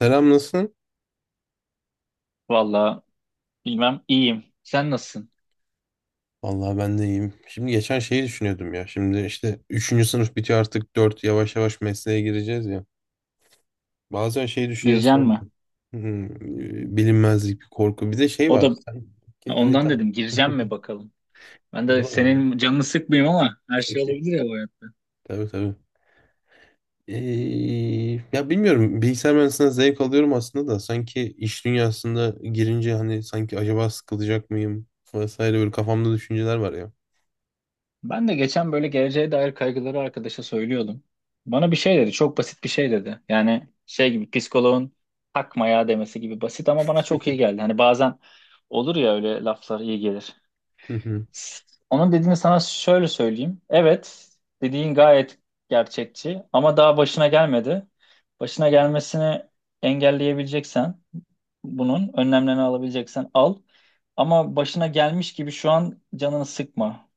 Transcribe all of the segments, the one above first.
Selam nasılsın? Vallahi bilmem iyiyim. Sen nasılsın? Vallahi ben de iyiyim. Şimdi geçen şeyi düşünüyordum ya. Şimdi işte üçüncü sınıf bitiyor artık 4 yavaş yavaş mesleğe gireceğiz ya. Bazen şey düşüncesi Gireceksin oldu. mi? Hmm, Bilinmezlik bir korku. Bir de şey O var. da Sanki ha, hani ondan tam. dedim gireceğim mi bakalım. Ben de Vallahi. senin canını sıkmayayım ama her şey olabilir ya bu hayatta. Tabii tabii. Ee, ya bilmiyorum. Bilgisayar mühendisliğinden zevk alıyorum aslında da. Sanki iş dünyasında girince hani sanki acaba sıkılacak mıyım? Vesaire böyle kafamda düşünceler var ya. Ben de geçen böyle geleceğe dair kaygıları arkadaşa söylüyordum. Bana bir şey dedi. Çok basit bir şey dedi. Yani şey gibi psikoloğun takma ya demesi gibi basit ama bana çok iyi geldi. Hani bazen olur ya öyle laflar iyi gelir. Hı hı. Onun dediğini sana şöyle söyleyeyim. Evet, dediğin gayet gerçekçi ama daha başına gelmedi. Başına gelmesini engelleyebileceksen bunun önlemlerini alabileceksen al. Ama başına gelmiş gibi şu an canını sıkma.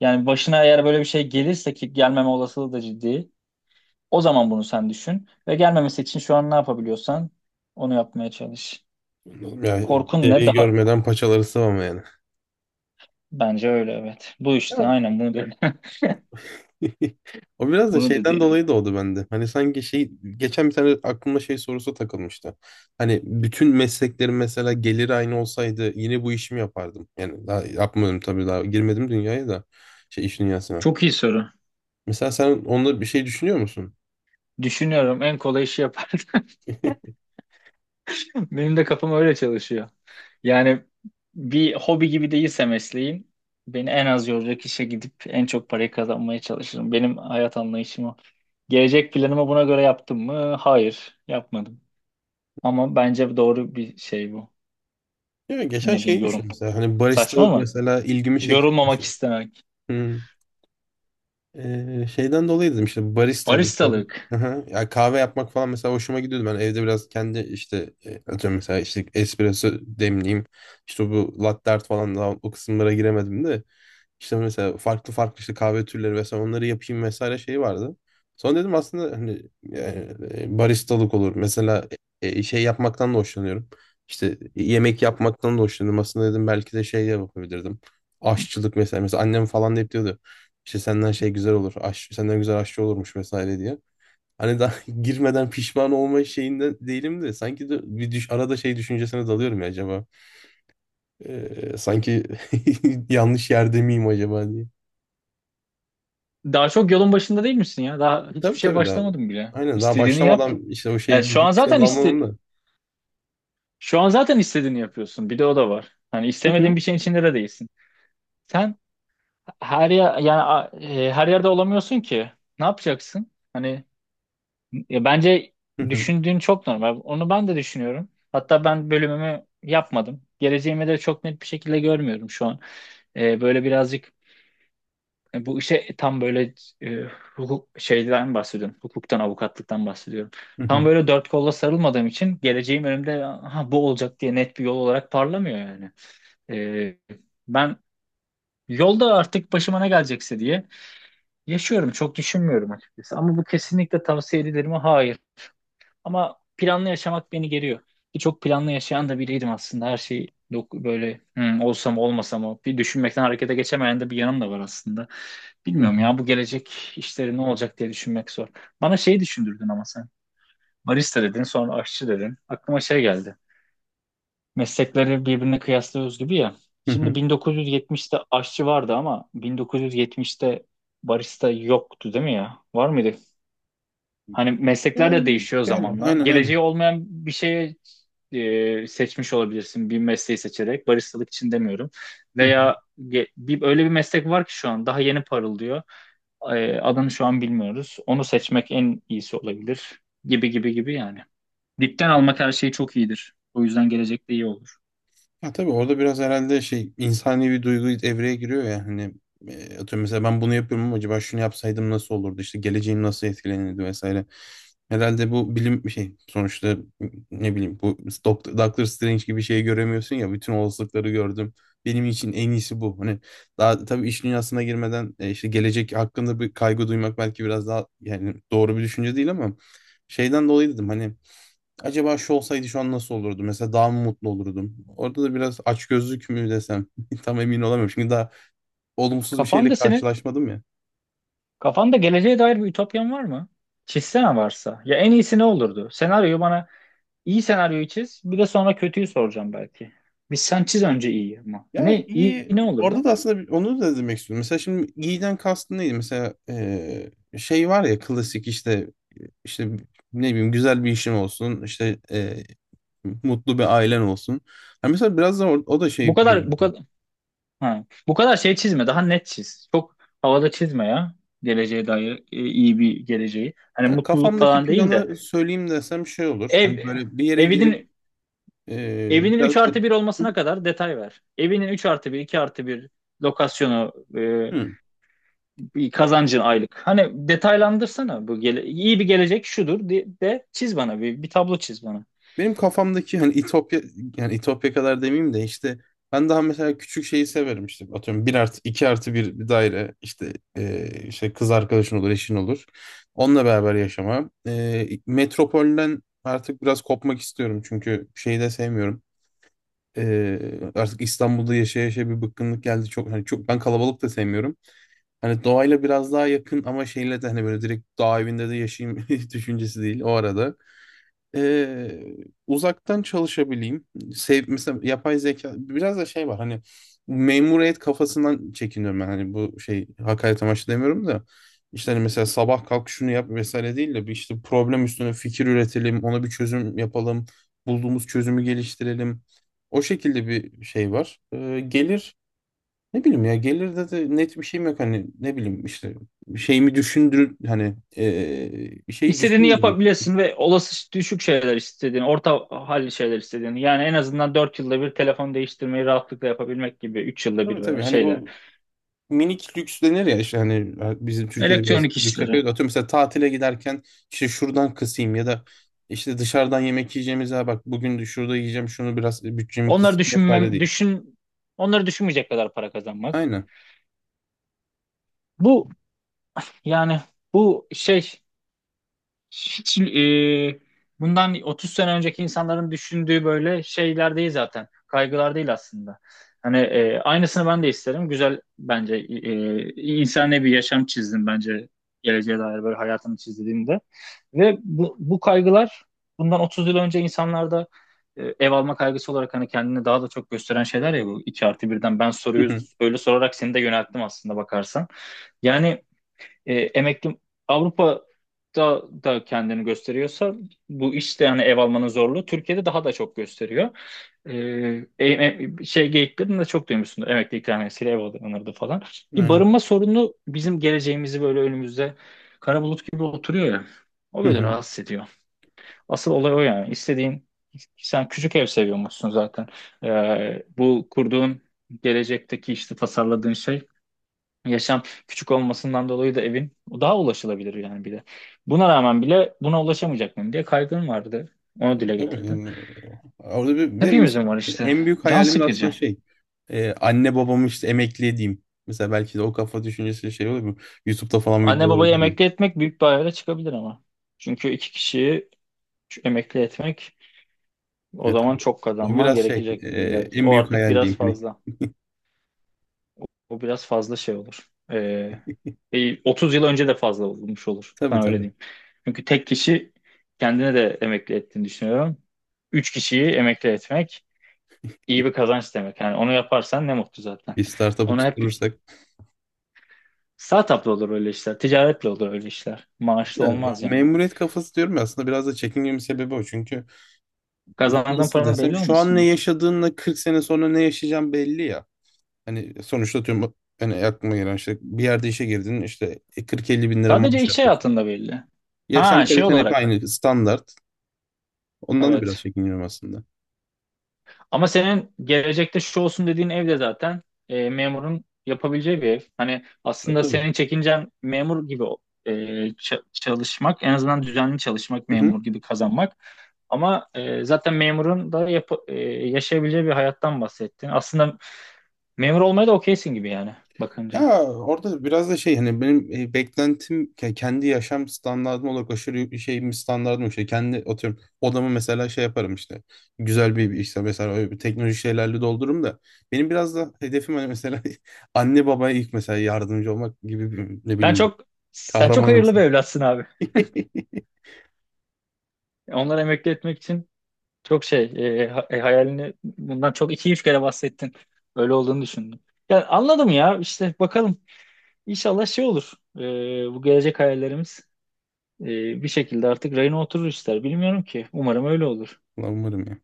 Yani başına eğer böyle bir şey gelirse ki gelmeme olasılığı da ciddi. O zaman bunu sen düşün ve gelmemesi için şu an ne yapabiliyorsan onu yapmaya çalış. Yani Korkun ne? deriyi Daha görmeden paçaları sıvama yani. bence öyle evet. Bu işte aynen bunu dedi. O biraz da Bunu dedi şeyden yani. dolayı doğdu bende. Hani sanki şey geçen bir tane aklıma şey sorusu takılmıştı. Hani bütün mesleklerin mesela geliri aynı olsaydı yine bu işimi yapardım. Yani daha yapmadım tabii daha girmedim dünyaya da şey iş dünyasına. Çok iyi soru. Mesela sen onda bir şey düşünüyor musun? Düşünüyorum en kolay işi yapardım. Benim de kafam öyle çalışıyor. Yani bir hobi gibi değilse mesleğin beni en az yoracak işe gidip en çok parayı kazanmaya çalışırım. Benim hayat anlayışım o. Gelecek planımı buna göre yaptım mı? Hayır, yapmadım. Ama bence doğru bir şey bu. Ya geçen Ne şeyi diyeyim düşün yorum. mesela hani Saçma baristalık mı? mesela ilgimi çekiyor. Yorulmamak istemek. Hı. Şeyden dolayı dedim işte barista mesela. Baristalık. Aha, ya kahve yapmak falan mesela hoşuma gidiyordu. Ben evde biraz kendi işte atıyorum mesela işte espresso demleyeyim. İşte bu latte art falan daha o kısımlara giremedim de. İşte mesela farklı farklı işte kahve türleri vesaire onları yapayım vesaire şey vardı. Sonra dedim aslında hani yani, baristalık olur. Mesela şey yapmaktan da hoşlanıyorum. İşte yemek yapmaktan da hoşlanıyorum. Aslında dedim belki de şey de yapabilirdim. Aşçılık mesela. Mesela annem falan da hep diyordu. İşte senden şey güzel olur. Senden güzel aşçı olurmuş vesaire diye. Hani daha girmeden pişman olma şeyinde değilim de sanki de bir arada şey düşüncesine dalıyorum ya acaba. Sanki yanlış yerde miyim acaba diye. Daha çok yolun başında değil misin ya? Daha hiçbir Tabii şeye tabii daha. başlamadım bile. Aynen daha İstediğini yap. başlamadan işte o Yani şey şu an düşüncesine zaten iste dalmamam da. Şu an zaten istediğini yapıyorsun. Bir de o da var. Hani istemediğin bir şeyin içinde de değilsin. Sen her yer yani a- e, her yerde olamıyorsun ki. Ne yapacaksın? Hani bence Hı hı, düşündüğün çok normal. Onu ben de düşünüyorum. Hatta ben bölümümü yapmadım. Geleceğimi de çok net bir şekilde görmüyorum şu an. Böyle birazcık e, bu işe tam böyle e, hukuk şeyden bahsediyorum. Hukuktan, avukatlıktan bahsediyorum. hı Tam hı, böyle dört kolla sarılmadığım için geleceğim önümde ha, bu olacak diye net bir yol olarak parlamıyor yani. Ee, Ben yolda artık başıma ne gelecekse diye yaşıyorum. Çok düşünmüyorum açıkçası. Ama bu kesinlikle tavsiye edilir mi? Hayır. Ama planlı yaşamak beni geriyor. Ki çok planlı yaşayan da biriydim aslında. Her şey böyle, hmm, olsa mı olmasa mı bir düşünmekten harekete geçemeyen de bir yanım da var aslında. hı Bilmiyorum hı, ya bu gelecek işleri ne olacak diye düşünmek zor. Bana şeyi düşündürdün ama sen. Barista dedin sonra aşçı dedin. Aklıma şey geldi. Meslekleri birbirine kıyaslıyoruz gibi ya. hı Şimdi hı. 1970'te aşçı vardı ama 1970'te barista yoktu değil mi ya? Var mıydı? Hani meslekler de Yani, değişiyor gel zamanla. aynen Geleceği aynen. olmayan bir şeye seçmiş olabilirsin bir mesleği seçerek. Baristalık için demiyorum. Hı hı. Veya öyle bir meslek var ki şu an daha yeni parıldıyor. Adını şu an bilmiyoruz. Onu seçmek en iyisi olabilir. Gibi yani. Dipten almak her şey çok iyidir. O yüzden gelecekte iyi olur. Ha, tabii orada biraz herhalde şey insani bir duygu devreye giriyor ya hani atıyorum mesela ben bunu yapıyorum ama acaba şunu yapsaydım nasıl olurdu işte geleceğim nasıl etkilenirdi vesaire. Herhalde bu bilim bir şey sonuçta ne bileyim bu Doctor Strange gibi şeyi göremiyorsun ya bütün olasılıkları gördüm. Benim için en iyisi bu. Hani daha tabii iş dünyasına girmeden işte gelecek hakkında bir kaygı duymak belki biraz daha yani doğru bir düşünce değil ama şeyden dolayı dedim hani acaba şu olsaydı şu an nasıl olurdu? Mesela daha mı mutlu olurdum? Orada da biraz açgözlük mü desem tam emin olamıyorum. Çünkü daha olumsuz bir şeyle Kafanda senin karşılaşmadım ya. Kafanda geleceğe dair bir ütopyan var mı? Çizsene varsa. Ya en iyisi ne olurdu? Senaryoyu bana iyi senaryoyu çiz. Bir de sonra kötüyü soracağım belki. Sen çiz önce iyi ama. Ya Ne iyi iyi. ne olurdu? Orada da aslında onu da demek istiyorum. Mesela şimdi iyiden kastın neydi? Mesela şey var ya klasik işte işte ne bileyim güzel bir işin olsun. İşte mutlu bir ailen olsun. Ha mesela biraz da o da şey Bu kadar bu geliyor. kadar ha, bu kadar şey çizme. Daha net çiz. Çok havada çizme ya. Geleceğe dair iyi bir geleceği. Hani Ya mutluluk kafamdaki falan değil de planı söyleyeyim desem şey olur. ev Hani böyle bir yere evinin girip evinin 3 biraz da... artı bir olmasına kadar detay ver. Evinin 3 artı bir, 2 artı bir, lokasyonu, Hı. bir kazancın aylık. Hani detaylandırsana bu gele iyi bir gelecek şudur de, çiz bana bir tablo çiz bana. Benim kafamdaki hani İtopya yani İtopya kadar demeyeyim de işte ben daha mesela küçük şeyi severim işte atıyorum bir artı iki artı bir bir daire işte işte kız arkadaşın olur eşin olur onunla beraber yaşama. Metropolden artık biraz kopmak istiyorum çünkü şeyi de sevmiyorum. Artık İstanbul'da yaşaya yaşaya bir bıkkınlık geldi çok hani çok ben kalabalık da sevmiyorum. Hani doğayla biraz daha yakın ama şeyle de hani böyle direkt dağ evinde de yaşayayım düşüncesi değil o arada. Ee, Uzaktan çalışabileyim. Mesela yapay zeka biraz da şey var hani memuriyet kafasından çekiniyorum ben hani bu şey hakaret amaçlı demiyorum da işte hani mesela sabah kalk şunu yap vesaire değil de bir işte problem üstüne fikir üretelim ona bir çözüm yapalım bulduğumuz çözümü geliştirelim o şekilde bir şey var. Gelir ne bileyim ya gelirde de net bir şeyim yok hani ne bileyim işte şeyimi düşündür hani bir şey İstediğini düşünmeyeyim. yapabilirsin ve olası düşük şeyler istediğini, orta halli şeyler istediğini. Yani en azından 4 yılda bir telefon değiştirmeyi rahatlıkla yapabilmek gibi 3 yılda Tabii bir tabii veya hani şeyler. bu minik lüks denir ya işte hani bizim Türkiye'de biraz Elektronik lükse işleri. kaçıyor. Atıyorum mesela tatile giderken işte şuradan kısayım ya da işte dışarıdan yemek yiyeceğimiz ya bak bugün de şurada yiyeceğim şunu biraz bütçemi Onları kısayım vesaire düşünmem, değil. düşün, Onları düşünmeyecek kadar para kazanmak. Aynen. Bu yani bu şey Hiç, bundan 30 sene önceki insanların düşündüğü böyle şeyler değil zaten. Kaygılar değil aslında. Hani aynısını ben de isterim. Güzel bence, insani bir yaşam çizdim bence geleceğe dair böyle hayatımı çizdiğimde. Ve bu kaygılar bundan 30 yıl önce insanlarda ev alma kaygısı olarak hani kendini daha da çok gösteren şeyler ya, bu 2 artı birden ben Hı soruyu hı. öyle sorarak seni de yönelttim aslında bakarsan. Yani emekli Avrupa'da da kendini gösteriyorsa bu işte, yani ev almanın zorluğu Türkiye'de daha da çok gösteriyor. E, şey geyiklerini de çok duymuşsundur. Emekli ikramiyesiyle ev alınırdı falan. Bir Aynen. barınma sorunu bizim geleceğimizi böyle önümüzde kara bulut gibi oturuyor ya. O Hı böyle hı. rahatsız ediyor. Asıl olay o yani. Sen küçük ev seviyormuşsun zaten. Bu kurduğun gelecekteki işte tasarladığın şey, yaşam küçük olmasından dolayı da evin o daha ulaşılabilir yani bir de. Buna rağmen bile buna ulaşamayacak mıyım diye kaygın vardı. Onu dile Tabii getirdim. yani orada bir de mesela Hepimizin var işte. en büyük Can hayalim de aslında sıkıcı. şey anne babamı işte emekli edeyim. Mesela belki de o kafa düşüncesi şey olur mu? YouTube'da falan Anne videolar babayı izledim. emekli etmek büyük bir hayale çıkabilir ama. Çünkü iki kişiyi emekli etmek o zaman Tabii. çok O kazanman biraz şey gerekecektir illa ki. en O büyük artık hayal biraz diyeyim. Hani, fazla. O biraz fazla şey olur. 30 yıl önce de fazla olmuş olur. tabii Sana öyle tabii. diyeyim. Çünkü tek kişi kendine de emekli ettiğini düşünüyorum. 3 kişiyi emekli etmek iyi bir kazanç demek. Yani onu yaparsan ne mutlu zaten. Bir startup'ı Onu hep tutturursak. Startup'la olur öyle işler. Ticaretle olur öyle işler. Maaşlı Ya, olmaz yani. memuriyet kafası diyorum ya aslında biraz da çekingemin sebebi o. Çünkü Kazandığın nasıl paranın desem belli şu an olmasın. ne ya. yaşadığınla 40 sene sonra ne yaşayacağım belli ya. Hani sonuçta tüm hani aklıma gelen işte bir yerde işe girdin işte 40-50 bin lira Sadece maaş iş yapıyorsun. hayatında belli. Yaşam Ha, şey kaliten hep olarak. aynı standart. Ondan da biraz Evet. çekiniyorum aslında. Ama senin gelecekte şu olsun dediğin ev de zaten memurun yapabileceği bir ev. Hani Tabii aslında tabii. senin çekincen memur gibi e, çalışmak, en azından düzenli çalışmak, memur gibi kazanmak. Ama zaten memurun da yaşayabileceği bir hayattan bahsettin. Aslında memur olmaya da okeysin gibi yani Ya bakınca. orada biraz da şey hani benim beklentim kendi yaşam standardım olarak aşırı şeyim standardım işte kendi atıyorum odamı mesela şey yaparım işte güzel bir işte mesela öyle bir teknoloji şeylerle doldururum da benim biraz da hedefim hani mesela anne babaya ilk mesela yardımcı olmak gibi bir, ne Sen bileyim çok sen çok hayırlı bir kahramanımsın. evlatsın abi. Onları emekli etmek için, Çok şey e, ha- e, hayalini bundan çok iki üç kere bahsettin. Öyle olduğunu düşündüm. Yani anladım ya, işte bakalım inşallah şey olur. Bu gelecek hayallerimiz e, bir şekilde artık rayına oturur ister. Bilmiyorum ki. Umarım öyle olur. Ulan umarım ya.